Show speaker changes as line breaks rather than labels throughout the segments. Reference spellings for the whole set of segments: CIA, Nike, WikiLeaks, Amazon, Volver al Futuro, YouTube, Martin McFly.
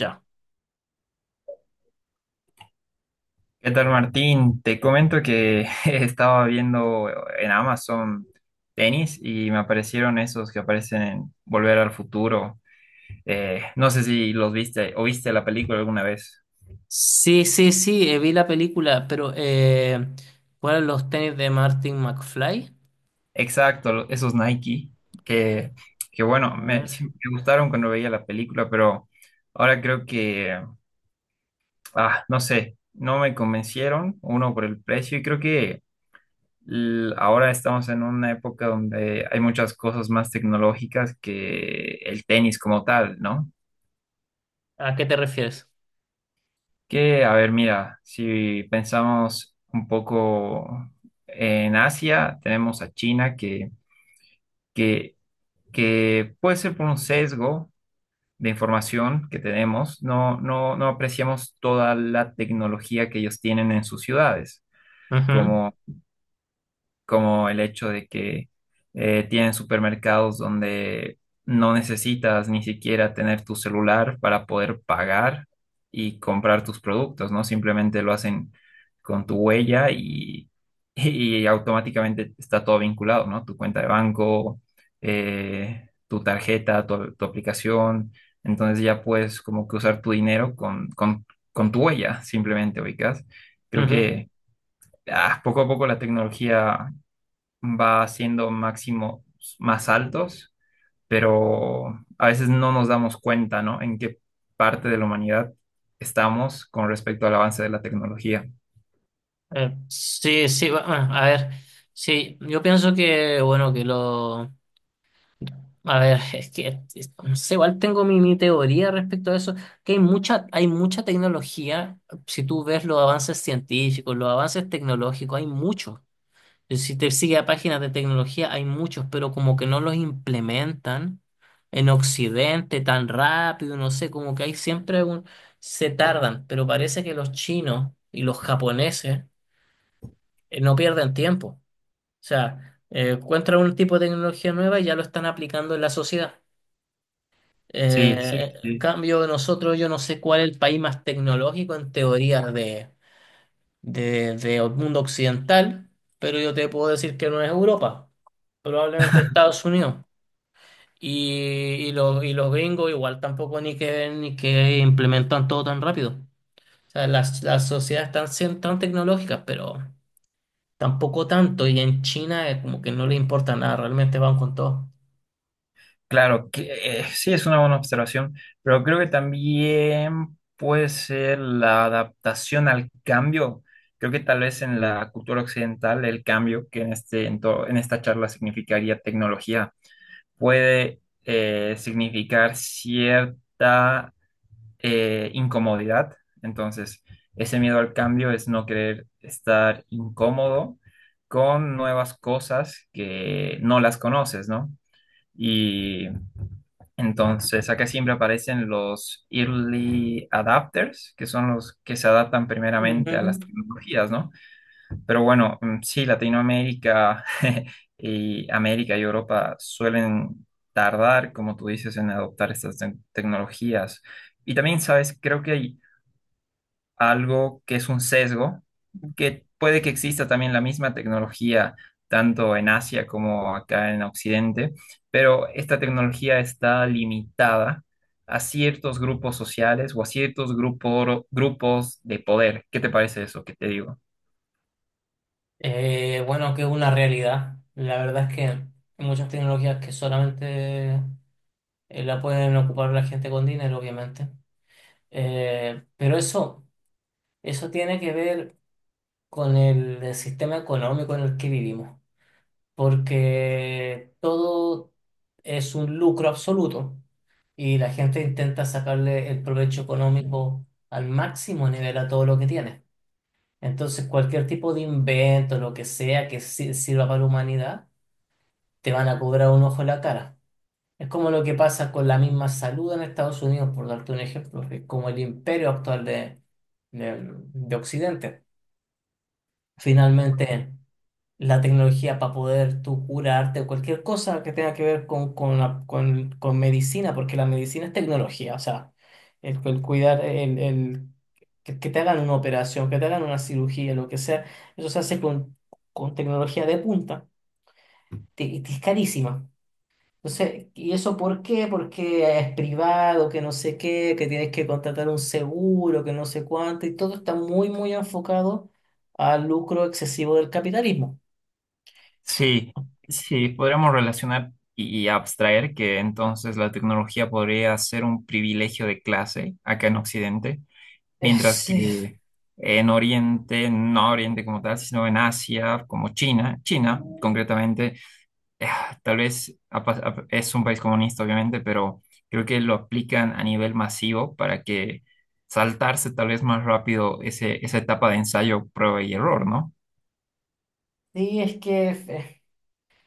Ya.
¿Qué tal, Martín? Te comento que estaba viendo en Amazon tenis y me aparecieron esos que aparecen en Volver al Futuro. No sé si los viste o viste la película alguna vez.
Sí, sí, sí, vi la película, pero ¿cuáles los tenis de Martin McFly?
Exacto, esos Nike que, que
A
bueno,
ver,
sí me gustaron cuando veía la película, pero ahora creo que, no sé, no me convencieron, uno por el precio y creo que ahora estamos en una época donde hay muchas cosas más tecnológicas que el tenis como tal, ¿no?
¿a qué te refieres?
Que, a ver, mira, si pensamos un poco en Asia, tenemos a China que, que puede ser por un sesgo de información que tenemos, no apreciamos toda la tecnología que ellos tienen en sus ciudades,
Ujú,
como el hecho de que tienen supermercados donde no necesitas ni siquiera tener tu celular para poder pagar y comprar tus productos, ¿no? Simplemente lo hacen con tu huella, y, y automáticamente está todo vinculado, ¿no? Tu cuenta de banco, tu tarjeta, tu aplicación. Entonces ya puedes como que usar tu dinero con tu huella, simplemente ubicas. Creo
ujú.
que poco a poco la tecnología va haciendo máximos más altos, pero a veces no nos damos cuenta, ¿no? En qué parte de la humanidad estamos con respecto al avance de la tecnología.
Sí, sí, a ver, sí, yo pienso que, bueno, que lo. A ver, es que, no sé, igual tengo mi teoría respecto a eso, que hay mucha tecnología, si tú ves los avances científicos, los avances tecnológicos, hay muchos. Si te sigue a páginas de tecnología, hay muchos, pero como que no los implementan en Occidente tan rápido, no sé, como que hay siempre un. Se tardan, pero parece que los chinos y los japoneses, no pierden tiempo. O sea, encuentran un tipo de tecnología nueva y ya lo están aplicando en la sociedad.
Sí, sí,
En
sí.
cambio, nosotros, yo no sé cuál es el país más tecnológico en teoría de mundo occidental, pero yo te puedo decir que no es Europa. Probablemente Estados Unidos. Y los gringos igual tampoco ni que implementan todo tan rápido. O sea, las sociedades están siendo tan tecnológicas, pero tampoco tanto. Y en China, como que no le importa nada, realmente van con todo.
Claro, que sí es una buena observación, pero creo que también puede ser la adaptación al cambio. Creo que tal vez en la cultura occidental el cambio, que en en esta charla significaría tecnología, puede significar cierta incomodidad. Entonces, ese miedo al cambio es no querer estar incómodo con nuevas cosas que no las conoces, ¿no? Y entonces acá siempre aparecen los early adapters, que son los que se adaptan primeramente a las
Ujú.
tecnologías, ¿no? Pero bueno, sí, Latinoamérica y América y Europa suelen tardar, como tú dices, en adoptar estas tecnologías. Y también, sabes, creo que hay algo que es un sesgo, que puede que exista también la misma tecnología, tanto en Asia como acá en Occidente, pero esta tecnología está limitada a ciertos grupos sociales o a ciertos grupos de poder. ¿Qué te parece eso que te digo?
Bueno, que es una realidad. La verdad es que hay muchas tecnologías que solamente, la pueden ocupar la gente con dinero, obviamente. Pero eso, eso tiene que ver con el sistema económico en el que vivimos, porque todo es un lucro absoluto y la gente intenta sacarle el provecho económico al máximo nivel a todo lo que tiene. Entonces, cualquier tipo de invento, lo que sea que sirva para la humanidad, te van a cobrar un ojo en la cara. Es como lo que pasa con la misma salud en Estados Unidos, por darte un ejemplo, que es como el imperio actual de de Occidente. Finalmente. La tecnología para poder tú curarte o cualquier cosa que tenga que ver con medicina, porque la medicina es tecnología, o sea, el cuidar, que te hagan una operación, que te hagan una cirugía, lo que sea, eso se hace con tecnología de punta y te es carísima. Entonces, ¿y eso por qué? Porque es privado, que no sé qué, que tienes que contratar un seguro, que no sé cuánto, y todo está muy, muy enfocado al lucro excesivo del capitalismo.
Sí, sí, podríamos relacionar y abstraer que entonces la tecnología podría ser un privilegio de clase acá en Occidente,
Eh,
mientras
Sí.
que en Oriente, no Oriente como tal, sino en Asia, como China, China concretamente, eh, tal vez es un país comunista obviamente, pero creo que lo aplican a nivel masivo para que saltarse tal vez más rápido ese, esa etapa de ensayo, prueba y error, ¿no?
Sí, es que,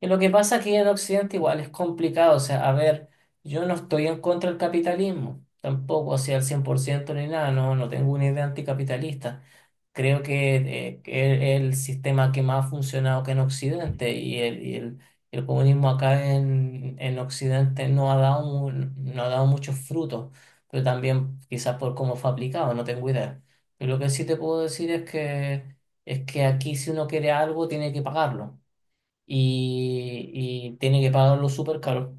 y lo que pasa aquí en Occidente igual es complicado, o sea, a ver, yo no estoy en contra del capitalismo, tampoco, o sea, al 100% ni nada, no tengo una idea anticapitalista. Creo que, que es el sistema que más ha funcionado que en Occidente y el comunismo acá en Occidente no ha dado, no ha dado muchos frutos, pero también quizás por cómo fue aplicado, no tengo idea. Pero lo que sí te puedo decir es que aquí si uno quiere algo tiene que pagarlo y, y tiene que pagarlo súper caro.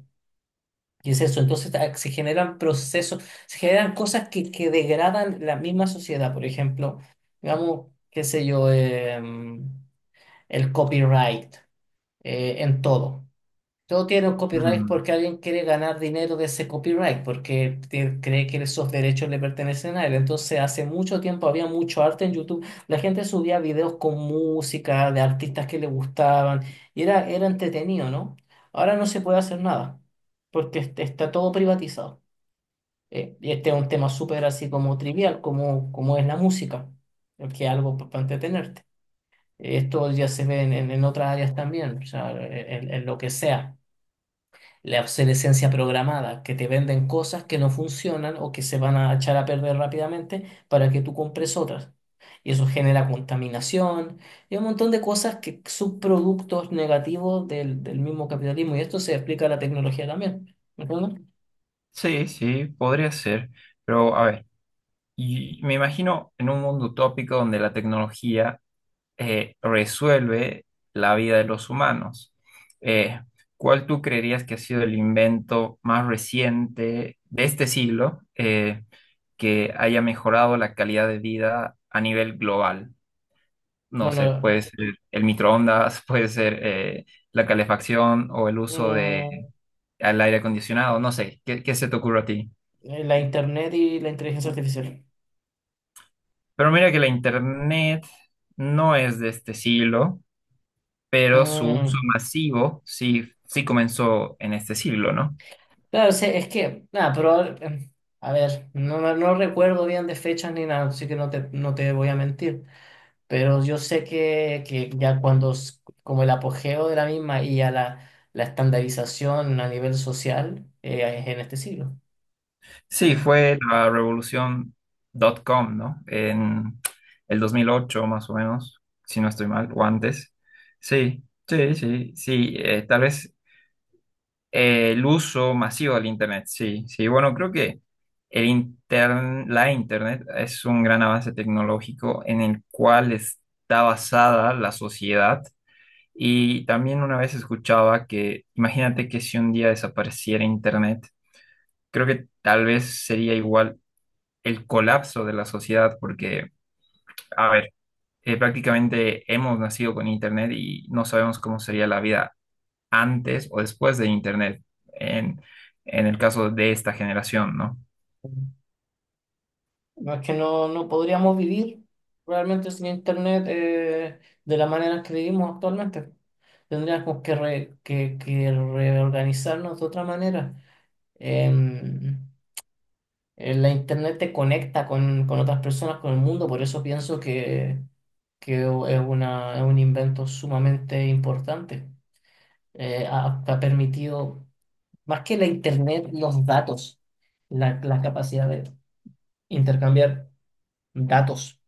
Y es eso, entonces, se generan procesos, se generan cosas que degradan la misma sociedad, por ejemplo, digamos, qué sé yo, el copyright, en todo. Todo tiene un copyright porque alguien quiere ganar dinero de ese copyright, porque cree que esos derechos le pertenecen a él. Entonces, hace mucho tiempo había mucho arte en YouTube. La gente subía videos con música de artistas que le gustaban y era entretenido, ¿no? Ahora no se puede hacer nada porque está todo privatizado. ¿Eh? Y este es un tema súper así como trivial, como es la música, que es algo para entretenerte. Esto ya se ve en otras áreas también, o sea, en lo que sea. La obsolescencia programada, que te venden cosas que no funcionan o que se van a echar a perder rápidamente para que tú compres otras. Y eso genera contaminación y un montón de cosas que son productos negativos del mismo capitalismo. Y esto se explica a la tecnología también. ¿Me entiendes?
Sí, sí, podría ser, pero a ver, y me imagino en un mundo utópico donde la tecnología resuelve la vida de los humanos. Eh, ¿Cuál tú creerías que ha sido el invento más reciente de este siglo que haya mejorado la calidad de vida a nivel global? No sé,
Bueno,
puede ser el microondas, puede ser la calefacción o el uso de
mm,
al aire acondicionado, no sé, ¿qué, qué se te ocurre a ti?
la internet y la inteligencia artificial.
Pero mira que la internet no es de este siglo, pero su uso
Mm,
masivo sí, sí comenzó en este siglo, ¿no?
claro, sí, es que, nada, pero, a ver, no recuerdo bien de fechas ni nada, así que no te voy a mentir. Pero yo sé que ya como el apogeo de la misma y a la estandarización a nivel social, es en este siglo,
Sí,
¿no?
fue la revolución dot .com, ¿no? En el 2008 más o menos, si no estoy mal, o antes. Sí, sí, sí, sí. Tal vez el uso masivo del Internet, sí, sí. Bueno, creo que la Internet es un gran avance tecnológico en el cual está basada la sociedad. Y también una vez escuchaba que, imagínate que si un día desapareciera Internet, creo que tal vez sería igual el colapso de la sociedad, porque, a ver, prácticamente hemos nacido con Internet y no sabemos cómo sería la vida antes o después de Internet, en, en el caso de esta generación, ¿no?
No es que no podríamos vivir realmente sin Internet, de la manera que vivimos actualmente. Tendríamos que reorganizarnos de otra manera. La internet te conecta con otras personas, con el mundo, por eso pienso que es un invento sumamente importante. Ha permitido, más que la internet, los datos, la capacidad de intercambiar datos,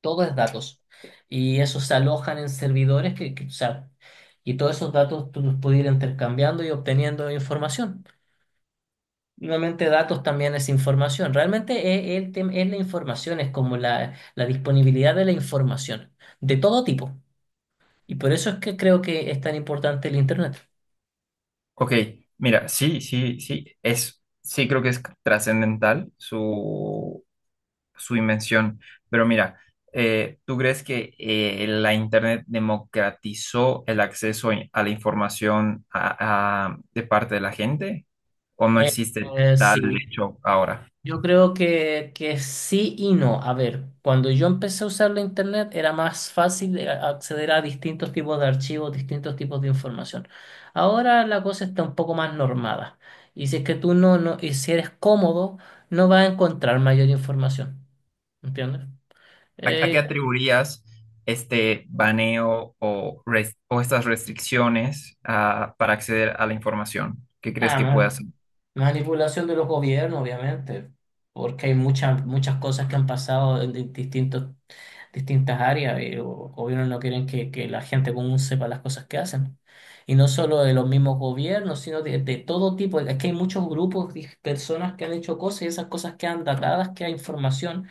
todo es datos. Y esos se alojan en servidores o sea, y todos esos datos tú los puedes ir intercambiando y obteniendo información. Nuevamente, datos también es información. Realmente es la información, es como la disponibilidad de la información, de todo tipo. Y por eso es que creo que es tan importante el Internet.
Ok, mira, sí, sí, sí, es, sí creo que es trascendental su, su invención, pero mira, ¿tú crees que la Internet democratizó el acceso a la información de parte de la gente? ¿O no
Eh,
existe
eh,
tal
sí.
hecho ahora?
Yo creo que sí y no. A ver, cuando yo empecé a usar la internet era más fácil de acceder a distintos tipos de archivos, distintos tipos de información. Ahora la cosa está un poco más normada. Y si es que tú no, y si eres cómodo, no vas a encontrar mayor información. ¿Entiendes?
A qué
Eh,
atribuirías este baneo o estas restricciones para acceder a la información? ¿Qué crees
Ah,
que puede
man-
hacer?
Manipulación de los gobiernos, obviamente, porque hay muchas muchas cosas que han pasado en distintas áreas y los gobiernos no quieren que la gente común sepa las cosas que hacen. Y no solo de los mismos gobiernos, sino de todo tipo. Es que hay muchos grupos de personas que han hecho cosas y esas cosas quedan datadas, queda información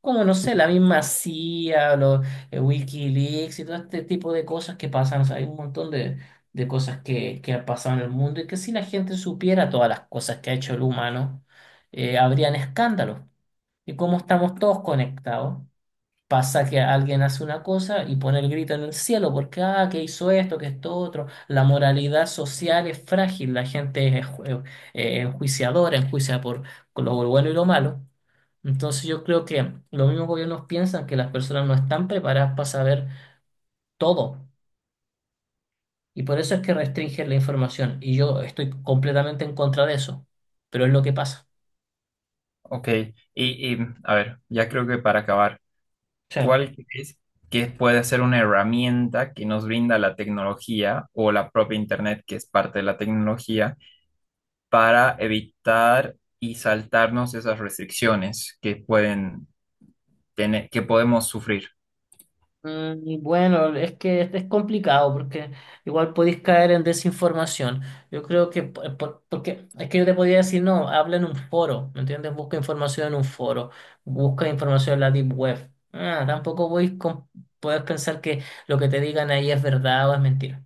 como no sé, la misma CIA, los, WikiLeaks y todo este tipo de cosas que pasan. O sea, hay un montón de cosas que han pasado en el mundo y que si la gente supiera todas las cosas que ha hecho el humano, habrían escándalos. Y como estamos todos conectados, pasa que alguien hace una cosa y pone el grito en el cielo porque, ah, que hizo esto, que esto otro. La moralidad social es frágil, la gente es enjuiciadora, enjuicia por lo bueno y lo malo. Entonces yo creo que los mismos gobiernos piensan que las personas no están preparadas para saber todo y por eso es que restringen la información y yo estoy completamente en contra de eso, pero es lo que pasa.
Ok, y, a ver, ya creo que para acabar,
Sí.
¿cuál crees que puede ser una herramienta que nos brinda la tecnología o la propia Internet, que es parte de la tecnología, para evitar y saltarnos esas restricciones que pueden tener, que podemos sufrir?
Y bueno, es que es complicado porque igual podéis caer en desinformación. Yo creo que, porque es que yo te podría decir, no, habla en un foro, ¿me entiendes? Busca información en un foro, busca información en la deep web. Ah, tampoco voy con, puedes pensar que lo que te digan ahí es verdad o es mentira.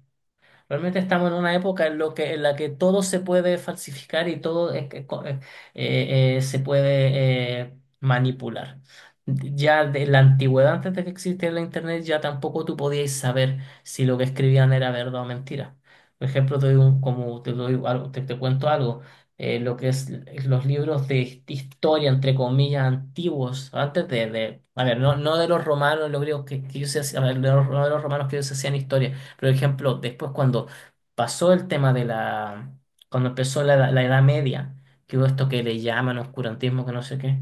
Realmente estamos en una época en la que todo se puede falsificar y todo es que, se puede, manipular. Ya de la antigüedad, antes de que existiera la internet, ya tampoco tú podías saber si lo que escribían era verdad o mentira. Por ejemplo, te doy como te doy algo, te cuento algo. Lo que es los libros de historia, entre comillas, antiguos, antes a ver, no de los romanos, los griegos que ellos se hacían, a ver, de los, no de los romanos que ellos hacían historia por ejemplo, después cuando pasó el tema cuando empezó la Edad Media, que hubo esto que le llaman oscurantismo, que no sé qué,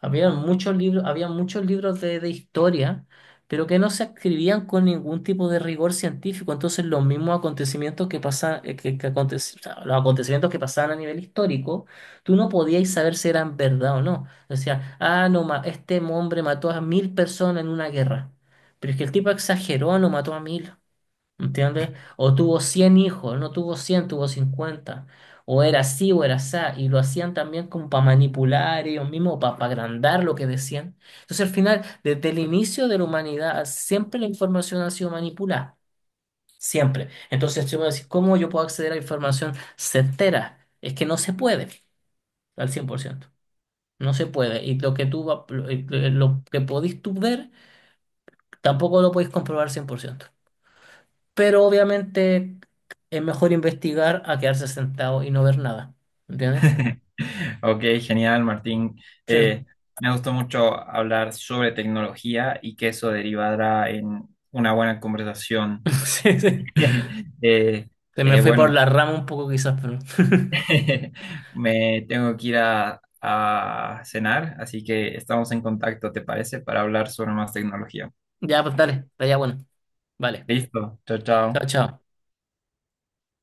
había muchos libros de historia, pero que no se escribían con ningún tipo de rigor científico. Entonces, los mismos acontecimientos que pasaban, o sea, los acontecimientos que pasaban a nivel histórico, tú no podías saber si eran verdad o no. Decía, ah, no, este hombre mató a 1.000 personas en una guerra. Pero es que el tipo exageró, no mató a 1.000. ¿Entiendes? O tuvo 100 hijos, no tuvo 100, tuvo 50. O era así o era así. Y lo hacían también como para manipular ellos mismos, para, agrandar lo que decían. Entonces, al final, desde el inicio de la humanidad, siempre la información ha sido manipulada. Siempre. Entonces, si me decís, ¿cómo yo puedo acceder a información certera? Es que no se puede al 100%. No se puede. Y lo que lo que podís tú ver, tampoco lo podéis comprobar 100%, pero obviamente es mejor investigar a quedarse sentado y no ver nada. ¿Entiendes?
Ok, genial, Martín.
Sí.
Eh, me gustó mucho hablar sobre tecnología y que eso derivará en una buena conversación.
Sí, sí.
Eh,
Se me fue por
bueno,
la rama un poco quizás, pero
me tengo que ir a cenar, así que estamos en contacto, ¿te parece? Para hablar sobre más tecnología.
ya, pues dale, está ya bueno. Vale.
Listo, chao,
Chao,
chao.
chao.